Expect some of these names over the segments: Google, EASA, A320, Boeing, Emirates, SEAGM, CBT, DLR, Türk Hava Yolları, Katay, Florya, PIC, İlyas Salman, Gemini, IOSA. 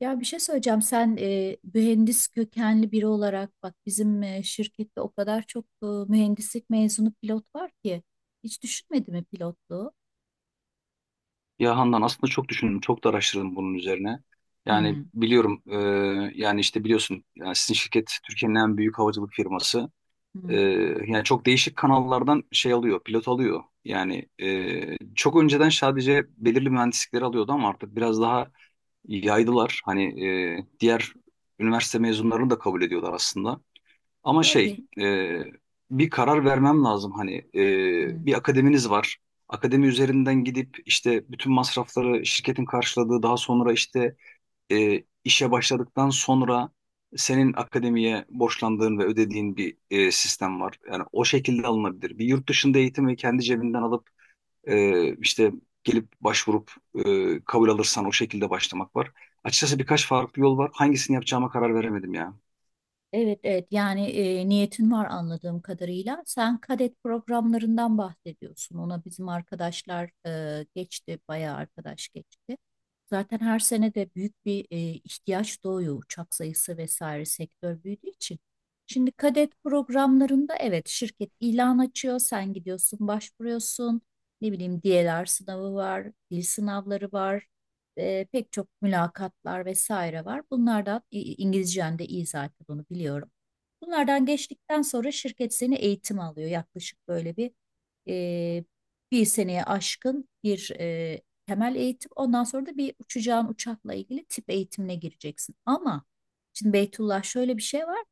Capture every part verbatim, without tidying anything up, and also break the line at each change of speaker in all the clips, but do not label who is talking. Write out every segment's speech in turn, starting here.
Ya bir şey söyleyeceğim. Sen e, mühendis kökenli biri olarak bak, bizim e, şirkette o kadar çok e, mühendislik mezunu pilot var ki hiç düşünmedi mi pilotluğu?
Ya Handan aslında çok düşündüm, çok da araştırdım bunun üzerine. Yani
Hmm.
biliyorum, e, yani işte biliyorsun, yani sizin şirket Türkiye'nin en büyük havacılık firması. E,
Hmm.
yani çok değişik kanallardan şey alıyor, pilot alıyor. Yani e, çok önceden sadece belirli mühendislikleri alıyordu ama artık biraz daha yaydılar. Hani e, diğer üniversite mezunlarını da kabul ediyorlar aslında. Ama şey
Tabii.
e, bir karar vermem lazım, hani
Hmm.
e, bir akademiniz var. Akademi üzerinden gidip işte bütün masrafları şirketin karşıladığı, daha sonra işte e, işe başladıktan sonra senin akademiye borçlandığın ve ödediğin bir e, sistem var. Yani o şekilde alınabilir. Bir yurt dışında eğitimi kendi cebinden alıp e, işte gelip başvurup e, kabul alırsan o şekilde başlamak var. Açıkçası birkaç farklı yol var. Hangisini yapacağıma karar veremedim ya.
Evet, evet, yani e, niyetin var anladığım kadarıyla. Sen kadet programlarından bahsediyorsun. Ona bizim arkadaşlar e, geçti, bayağı arkadaş geçti. Zaten her sene de büyük bir e, ihtiyaç doğuyor, uçak sayısı vesaire, sektör büyüdüğü için. Şimdi kadet programlarında evet, şirket ilan açıyor, sen gidiyorsun, başvuruyorsun. Ne bileyim D L R sınavı var, dil sınavları var, e, pek çok mülakatlar vesaire var. Bunlardan İ- İngilizcen de iyi zaten, bunu biliyorum. Bunlardan geçtikten sonra şirket seni eğitim alıyor. Yaklaşık böyle bir e, bir seneye aşkın bir e, temel eğitim. Ondan sonra da bir uçacağın uçakla ilgili tip eğitimine gireceksin. Ama şimdi Beytullah, şöyle bir şey var.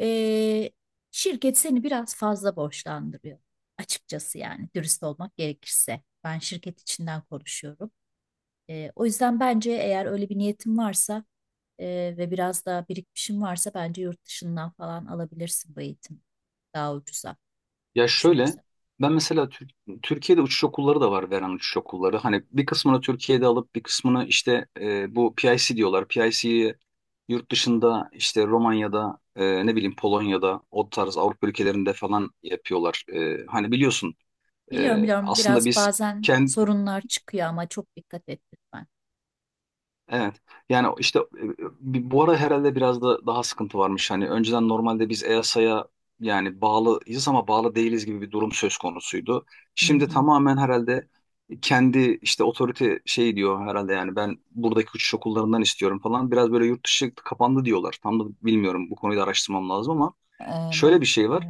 E, şirket seni biraz fazla borçlandırıyor. Açıkçası, yani dürüst olmak gerekirse. Ben şirket içinden konuşuyorum. E, o yüzden bence eğer öyle bir niyetim varsa e, ve biraz daha birikmişim varsa, bence yurt dışından falan alabilirsin bu eğitim daha ucuza
Ya şöyle,
düşünürsen.
ben mesela Tür- Türkiye'de uçuş okulları da var, veren uçuş okulları. Hani bir kısmını Türkiye'de alıp bir kısmını işte, e, bu P I C diyorlar. P I C'yi yurt dışında işte Romanya'da, e, ne bileyim Polonya'da, o tarz Avrupa ülkelerinde falan yapıyorlar. E, hani biliyorsun,
Biliyorum,
e,
biliyorum,
aslında
biraz
biz...
bazen sorunlar çıkıyor ama çok dikkat et lütfen.
Evet. Yani işte, e, bi- bu ara herhalde biraz da daha sıkıntı varmış. Hani önceden normalde biz EASA'ya yani bağlıyız ama bağlı değiliz gibi bir durum söz konusuydu.
Hı
Şimdi
hı,
tamamen herhalde kendi işte otorite şey diyor herhalde, yani ben buradaki uçuş okullarından istiyorum falan. Biraz böyle yurt dışı kapandı diyorlar. Tam da bilmiyorum, bu konuyu da araştırmam lazım ama şöyle bir şey var.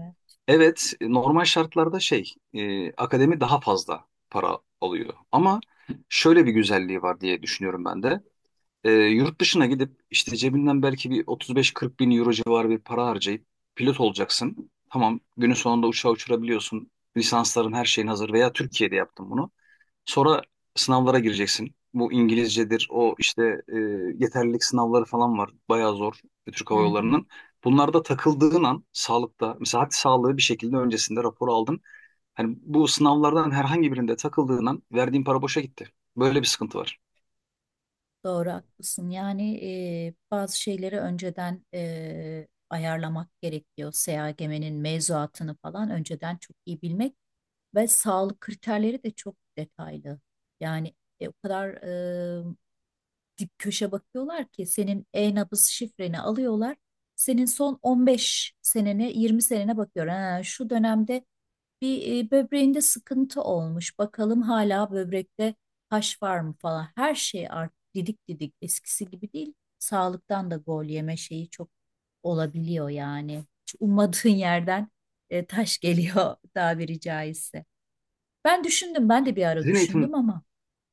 Evet, normal şartlarda şey, e, akademi daha fazla para alıyor ama şöyle bir güzelliği var diye düşünüyorum ben de. Ee, yurt dışına gidip işte cebinden belki bir otuz beş kırk bin euro civarı bir para harcayıp pilot olacaksın. Tamam, günün sonunda uçağı uçurabiliyorsun. Lisansların her şeyin hazır veya Türkiye'de yaptın bunu. Sonra sınavlara gireceksin. Bu İngilizcedir, o işte e, yeterlilik sınavları falan var. Bayağı zor Türk
hı
Hava
hı.
Yolları'nın. Bunlarda takıldığın an sağlıkta, mesela hadi sağlığı bir şekilde öncesinde rapor aldın. Hani bu sınavlardan herhangi birinde takıldığın an verdiğin para boşa gitti. Böyle bir sıkıntı var.
Doğru, haklısın. Yani e, bazı şeyleri önceden e, ayarlamak gerekiyor. S E A G M'nin mevzuatını falan önceden çok iyi bilmek ve sağlık kriterleri de çok detaylı. Yani e, o kadar dip köşe bakıyorlar ki senin e-nabız şifreni alıyorlar. Senin son on beş senene, yirmi senene bakıyor. Ha, şu dönemde bir e, böbreğinde sıkıntı olmuş. Bakalım hala böbrekte taş var mı falan. Her şey artık didik didik, eskisi gibi değil. Sağlıktan da gol yeme şeyi çok olabiliyor yani. Hiç ummadığın yerden e, taş geliyor tabiri caizse. Ben düşündüm, ben de bir ara
Sizin eğitim,
düşündüm ama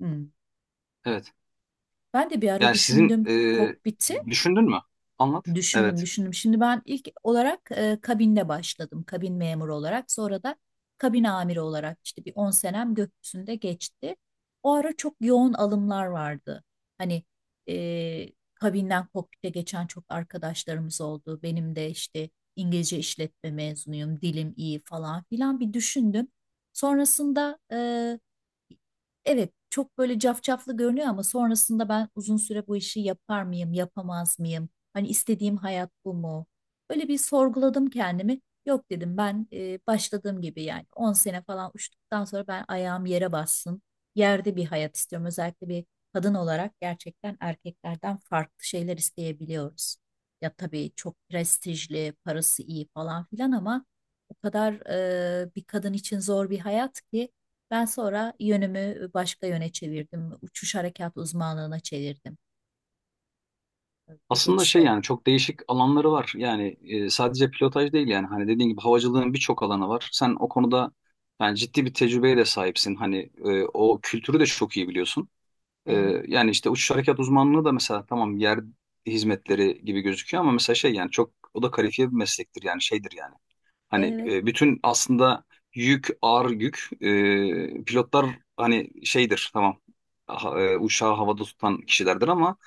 hmm,
evet.
ben de bir ara
Yani sizin,
düşündüm
e,
kokpiti.
düşündün mü? Anlat.
Düşündüm,
Evet.
düşündüm. Şimdi ben ilk olarak e, kabinde başladım. Kabin memuru olarak. Sonra da kabin amiri olarak işte bir on senem gökyüzünde geçti. O ara çok yoğun alımlar vardı. Hani e, kabinden kokpite geçen çok arkadaşlarımız oldu. Benim de işte İngilizce işletme mezunuyum, dilim iyi falan filan, bir düşündüm. Sonrasında e, evet, çok böyle cafcaflı görünüyor ama sonrasında ben uzun süre bu işi yapar mıyım, yapamaz mıyım? Hani istediğim hayat bu mu? Böyle bir sorguladım kendimi. Yok dedim, ben e, başladığım gibi yani on sene falan uçtuktan sonra ben ayağım yere bassın. Yerde bir hayat istiyorum. Özellikle bir kadın olarak gerçekten erkeklerden farklı şeyler isteyebiliyoruz. Ya tabii çok prestijli, parası iyi falan filan ama o kadar e, bir kadın için zor bir hayat ki ben sonra yönümü başka yöne çevirdim. Uçuş harekat uzmanlığına çevirdim. Bir
Aslında
geçiş
şey,
oldu.
yani çok değişik alanları var. Yani e, sadece pilotaj değil, yani hani dediğin gibi havacılığın birçok alanı var. Sen o konuda yani ciddi bir tecrübeye de sahipsin. Hani e, o kültürü de çok iyi biliyorsun. E,
Evet.
yani işte uçuş harekat uzmanlığı da mesela tamam, yer hizmetleri gibi gözüküyor ama mesela şey, yani çok o da kalifiye bir meslektir, yani şeydir yani. Hani
Evet.
e, bütün aslında yük, ağır yük. E, pilotlar hani şeydir tamam. Ha- e, uçağı havada tutan kişilerdir ama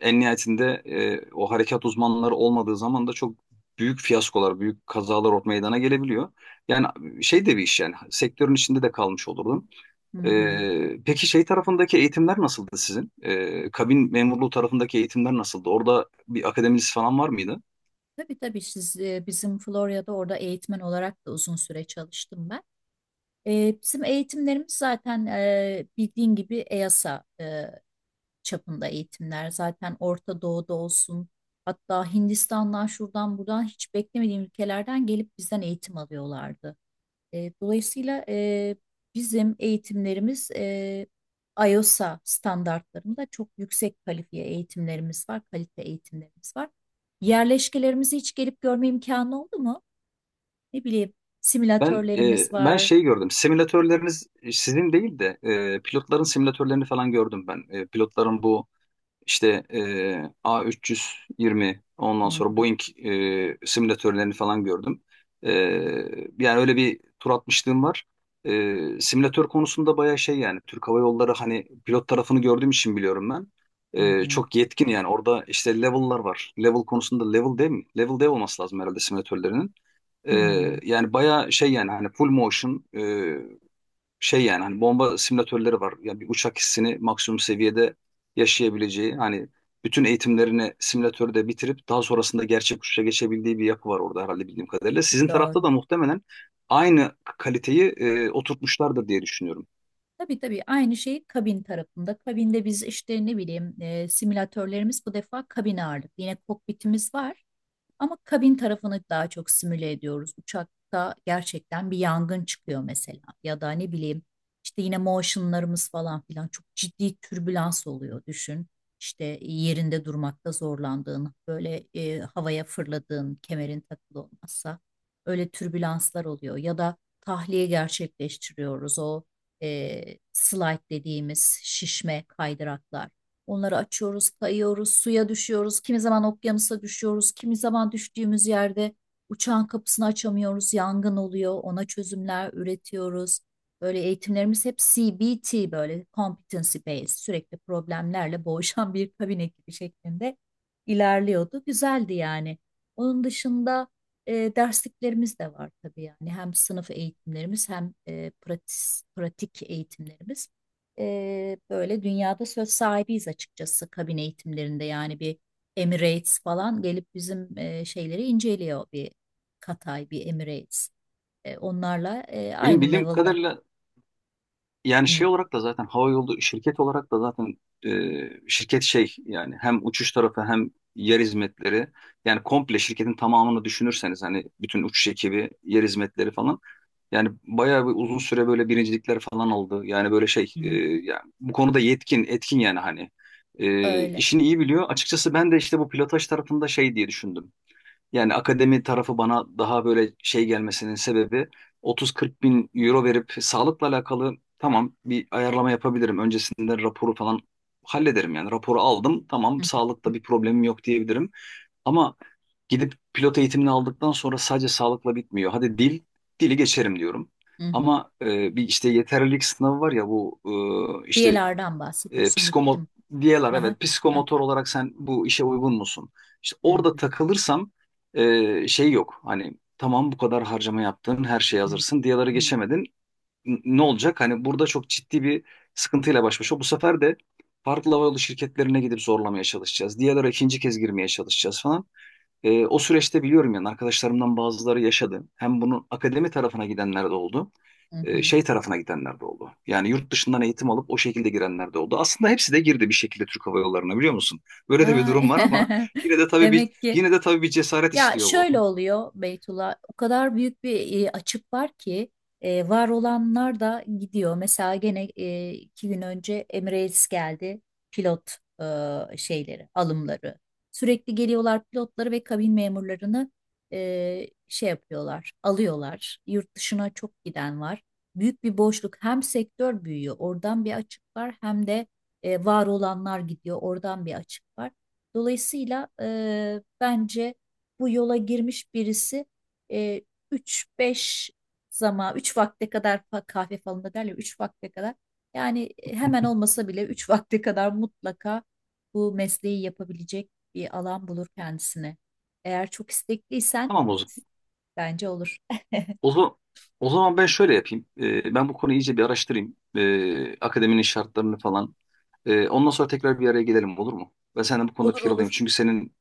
en nihayetinde e, o harekat uzmanları olmadığı zaman da çok büyük fiyaskolar, büyük kazalar or- meydana gelebiliyor. Yani şey de bir iş, yani sektörün içinde de kalmış olurdum.
Hı hı.
E, peki şey tarafındaki eğitimler nasıldı sizin? E, kabin memurluğu tarafındaki eğitimler nasıldı? Orada bir akademiniz falan var mıydı?
Tabii, tabii, siz e, bizim Florya'da orada eğitmen olarak da uzun süre çalıştım ben. E, bizim eğitimlerimiz zaten e, bildiğin gibi EASA e, çapında eğitimler. Zaten Orta Doğu'da olsun, hatta Hindistan'dan, şuradan buradan hiç beklemediğim ülkelerden gelip bizden eğitim alıyorlardı. E, dolayısıyla e, bizim eğitimlerimiz e, IOSA standartlarında çok yüksek kalifiye eğitimlerimiz var, kalite eğitimlerimiz var. Yerleşkelerimizi hiç gelip görme imkanı oldu mu? Ne bileyim,
Ben e,
simülatörlerimiz
ben
var.
şey gördüm. Simülatörleriniz, e, sizin değil de e, pilotların simülatörlerini falan gördüm ben. E, pilotların bu işte, e, A üç yüz yirmi,
Hı
ondan sonra
hı,
Boeing, e, simülatörlerini falan gördüm. E, yani öyle bir tur atmışlığım var. E, simülatör konusunda bayağı şey, yani Türk Hava Yolları hani pilot tarafını gördüğüm için biliyorum ben.
hı
E,
hı,
çok yetkin yani, orada işte level'lar var. Level konusunda level değil mi? Level değil olması lazım herhalde simülatörlerinin. Ee,
hı.
yani bayağı şey, yani hani full motion, e, şey, yani hani bomba simülatörleri var. Yani bir uçak hissini maksimum seviyede yaşayabileceği, hani bütün eğitimlerini simülatörde bitirip daha sonrasında gerçek uçuşa geçebildiği bir yapı var orada herhalde, bildiğim kadarıyla. Sizin tarafta
Doğru.
da muhtemelen aynı kaliteyi e, oturtmuşlardır diye düşünüyorum.
Tabii, tabii, aynı şey kabin tarafında. Kabinde biz işte ne bileyim e, simülatörlerimiz bu defa kabin ağırlık. Yine kokpitimiz var. Ama kabin tarafını daha çok simüle ediyoruz. Uçakta gerçekten bir yangın çıkıyor mesela, ya da ne bileyim işte yine motionlarımız falan filan, çok ciddi türbülans oluyor düşün. İşte yerinde durmakta zorlandığın, böyle e, havaya fırladığın, kemerin takılı olmazsa öyle türbülanslar oluyor ya da tahliye gerçekleştiriyoruz o e, slide dediğimiz şişme kaydıraklar. Onları açıyoruz, kayıyoruz, suya düşüyoruz. Kimi zaman okyanusa düşüyoruz. Kimi zaman düştüğümüz yerde uçağın kapısını açamıyoruz. Yangın oluyor. Ona çözümler üretiyoruz. Böyle eğitimlerimiz hep C B T, böyle competency based, sürekli problemlerle boğuşan bir kabin ekibi şeklinde ilerliyordu. Güzeldi yani. Onun dışında e, dersliklerimiz de var tabii, yani hem sınıf eğitimlerimiz hem e, pratis- pratik eğitimlerimiz, e, böyle dünyada söz sahibiyiz açıkçası kabin eğitimlerinde, yani bir Emirates falan gelip bizim e, şeyleri inceliyor, bir Katay, bir Emirates. E, onlarla e,
Benim
aynı
bildiğim
level'da.
kadarıyla, yani şey
Hı,
olarak da zaten, hava yolu şirket olarak da zaten e, şirket, şey yani hem uçuş tarafı hem yer hizmetleri, yani komple şirketin tamamını düşünürseniz, hani bütün uçuş ekibi, yer hizmetleri falan, yani bayağı bir uzun süre böyle birincilikler falan aldı. Yani böyle şey, e,
hı.
yani bu konuda yetkin, etkin, yani hani, e,
Öyle.
işini iyi biliyor. Açıkçası ben de işte bu pilotaj tarafında şey diye düşündüm. Yani akademi tarafı bana daha böyle şey gelmesinin sebebi, otuz kırk bin euro verip, sağlıkla alakalı tamam bir ayarlama yapabilirim. Öncesinde raporu falan hallederim, yani raporu aldım, tamam,
Hı,
sağlıkta bir problemim yok diyebilirim. Ama gidip pilot eğitimini aldıktan sonra sadece sağlıkla bitmiyor. Hadi dil, dili geçerim diyorum.
hı, hı, hı.
Ama e, bir işte yeterlilik sınavı var ya, bu e, işte,
Diyelerden
e,
bahsediyorsun,
psikomo
gittim.
diyorlar
Aha,
evet,
aha.
psikomotor olarak sen bu işe uygun musun? İşte
Hı,
orada
hı,
takılırsam e, şey yok. Hani tamam, bu kadar harcama yaptın, her şeye
hı,
hazırsın. Diyaları
hı,
geçemedin. N- ne olacak? Hani burada çok ciddi bir sıkıntıyla baş başa. Bu sefer de farklı havayolu şirketlerine gidip zorlamaya çalışacağız. Diyalara ikinci kez girmeye çalışacağız falan. E, o süreçte biliyorum, yani arkadaşlarımdan bazıları yaşadı. Hem bunun akademi tarafına gidenler de oldu.
hı,
e,
hı.
şey tarafına gidenler de oldu. Yani yurt dışından eğitim alıp o şekilde girenler de oldu. Aslında hepsi de girdi bir şekilde Türk Hava Yolları'na, biliyor musun? Böyle de bir durum
Ay,
var ama yine de tabii bir
demek ki.
yine de tabii bir cesaret
Ya
istiyor
şöyle
bu.
oluyor Beytullah, o kadar büyük bir e, açık var ki e, var olanlar da gidiyor. Mesela gene e, iki gün önce Emirates geldi pilot e, şeyleri, alımları. Sürekli geliyorlar, pilotları ve kabin memurlarını e, şey yapıyorlar, alıyorlar. Yurt dışına çok giden var. Büyük bir boşluk. Hem sektör büyüyor, oradan bir açık var. Hem de e, var olanlar gidiyor, oradan bir açık var. Dolayısıyla e, bence bu yola girmiş birisi e, üç beş zaman, üç vakte kadar, fa- kahve falında derler, üç vakte kadar, yani e, hemen olmasa bile üç vakte kadar mutlaka bu mesleği yapabilecek bir alan bulur kendisine. Eğer çok istekliysen
Tamam o zaman.
bence olur.
O zaman, o zaman ben şöyle yapayım. E, ben bu konuyu iyice bir araştırayım. E, akademinin şartlarını falan... Ee, ondan sonra tekrar bir araya gelelim, olur mu? Ben senden bu konuda
Olur,
fikir alayım.
olur.
Çünkü senin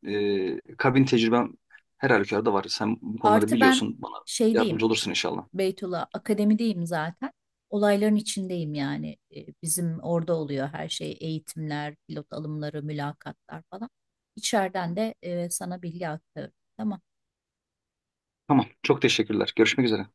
e, kabin tecrüben her halükarda var. Sen bu konuları
Artı ben
biliyorsun. Bana
şeydeyim
yardımcı olursun inşallah.
Beytullah, akademideyim zaten. Olayların içindeyim yani. E, Bizim orada oluyor her şey. Eğitimler, pilot alımları, mülakatlar falan. İçeriden de e, sana bilgi aktarıyorum. Tamam.
Tamam. Çok teşekkürler. Görüşmek üzere.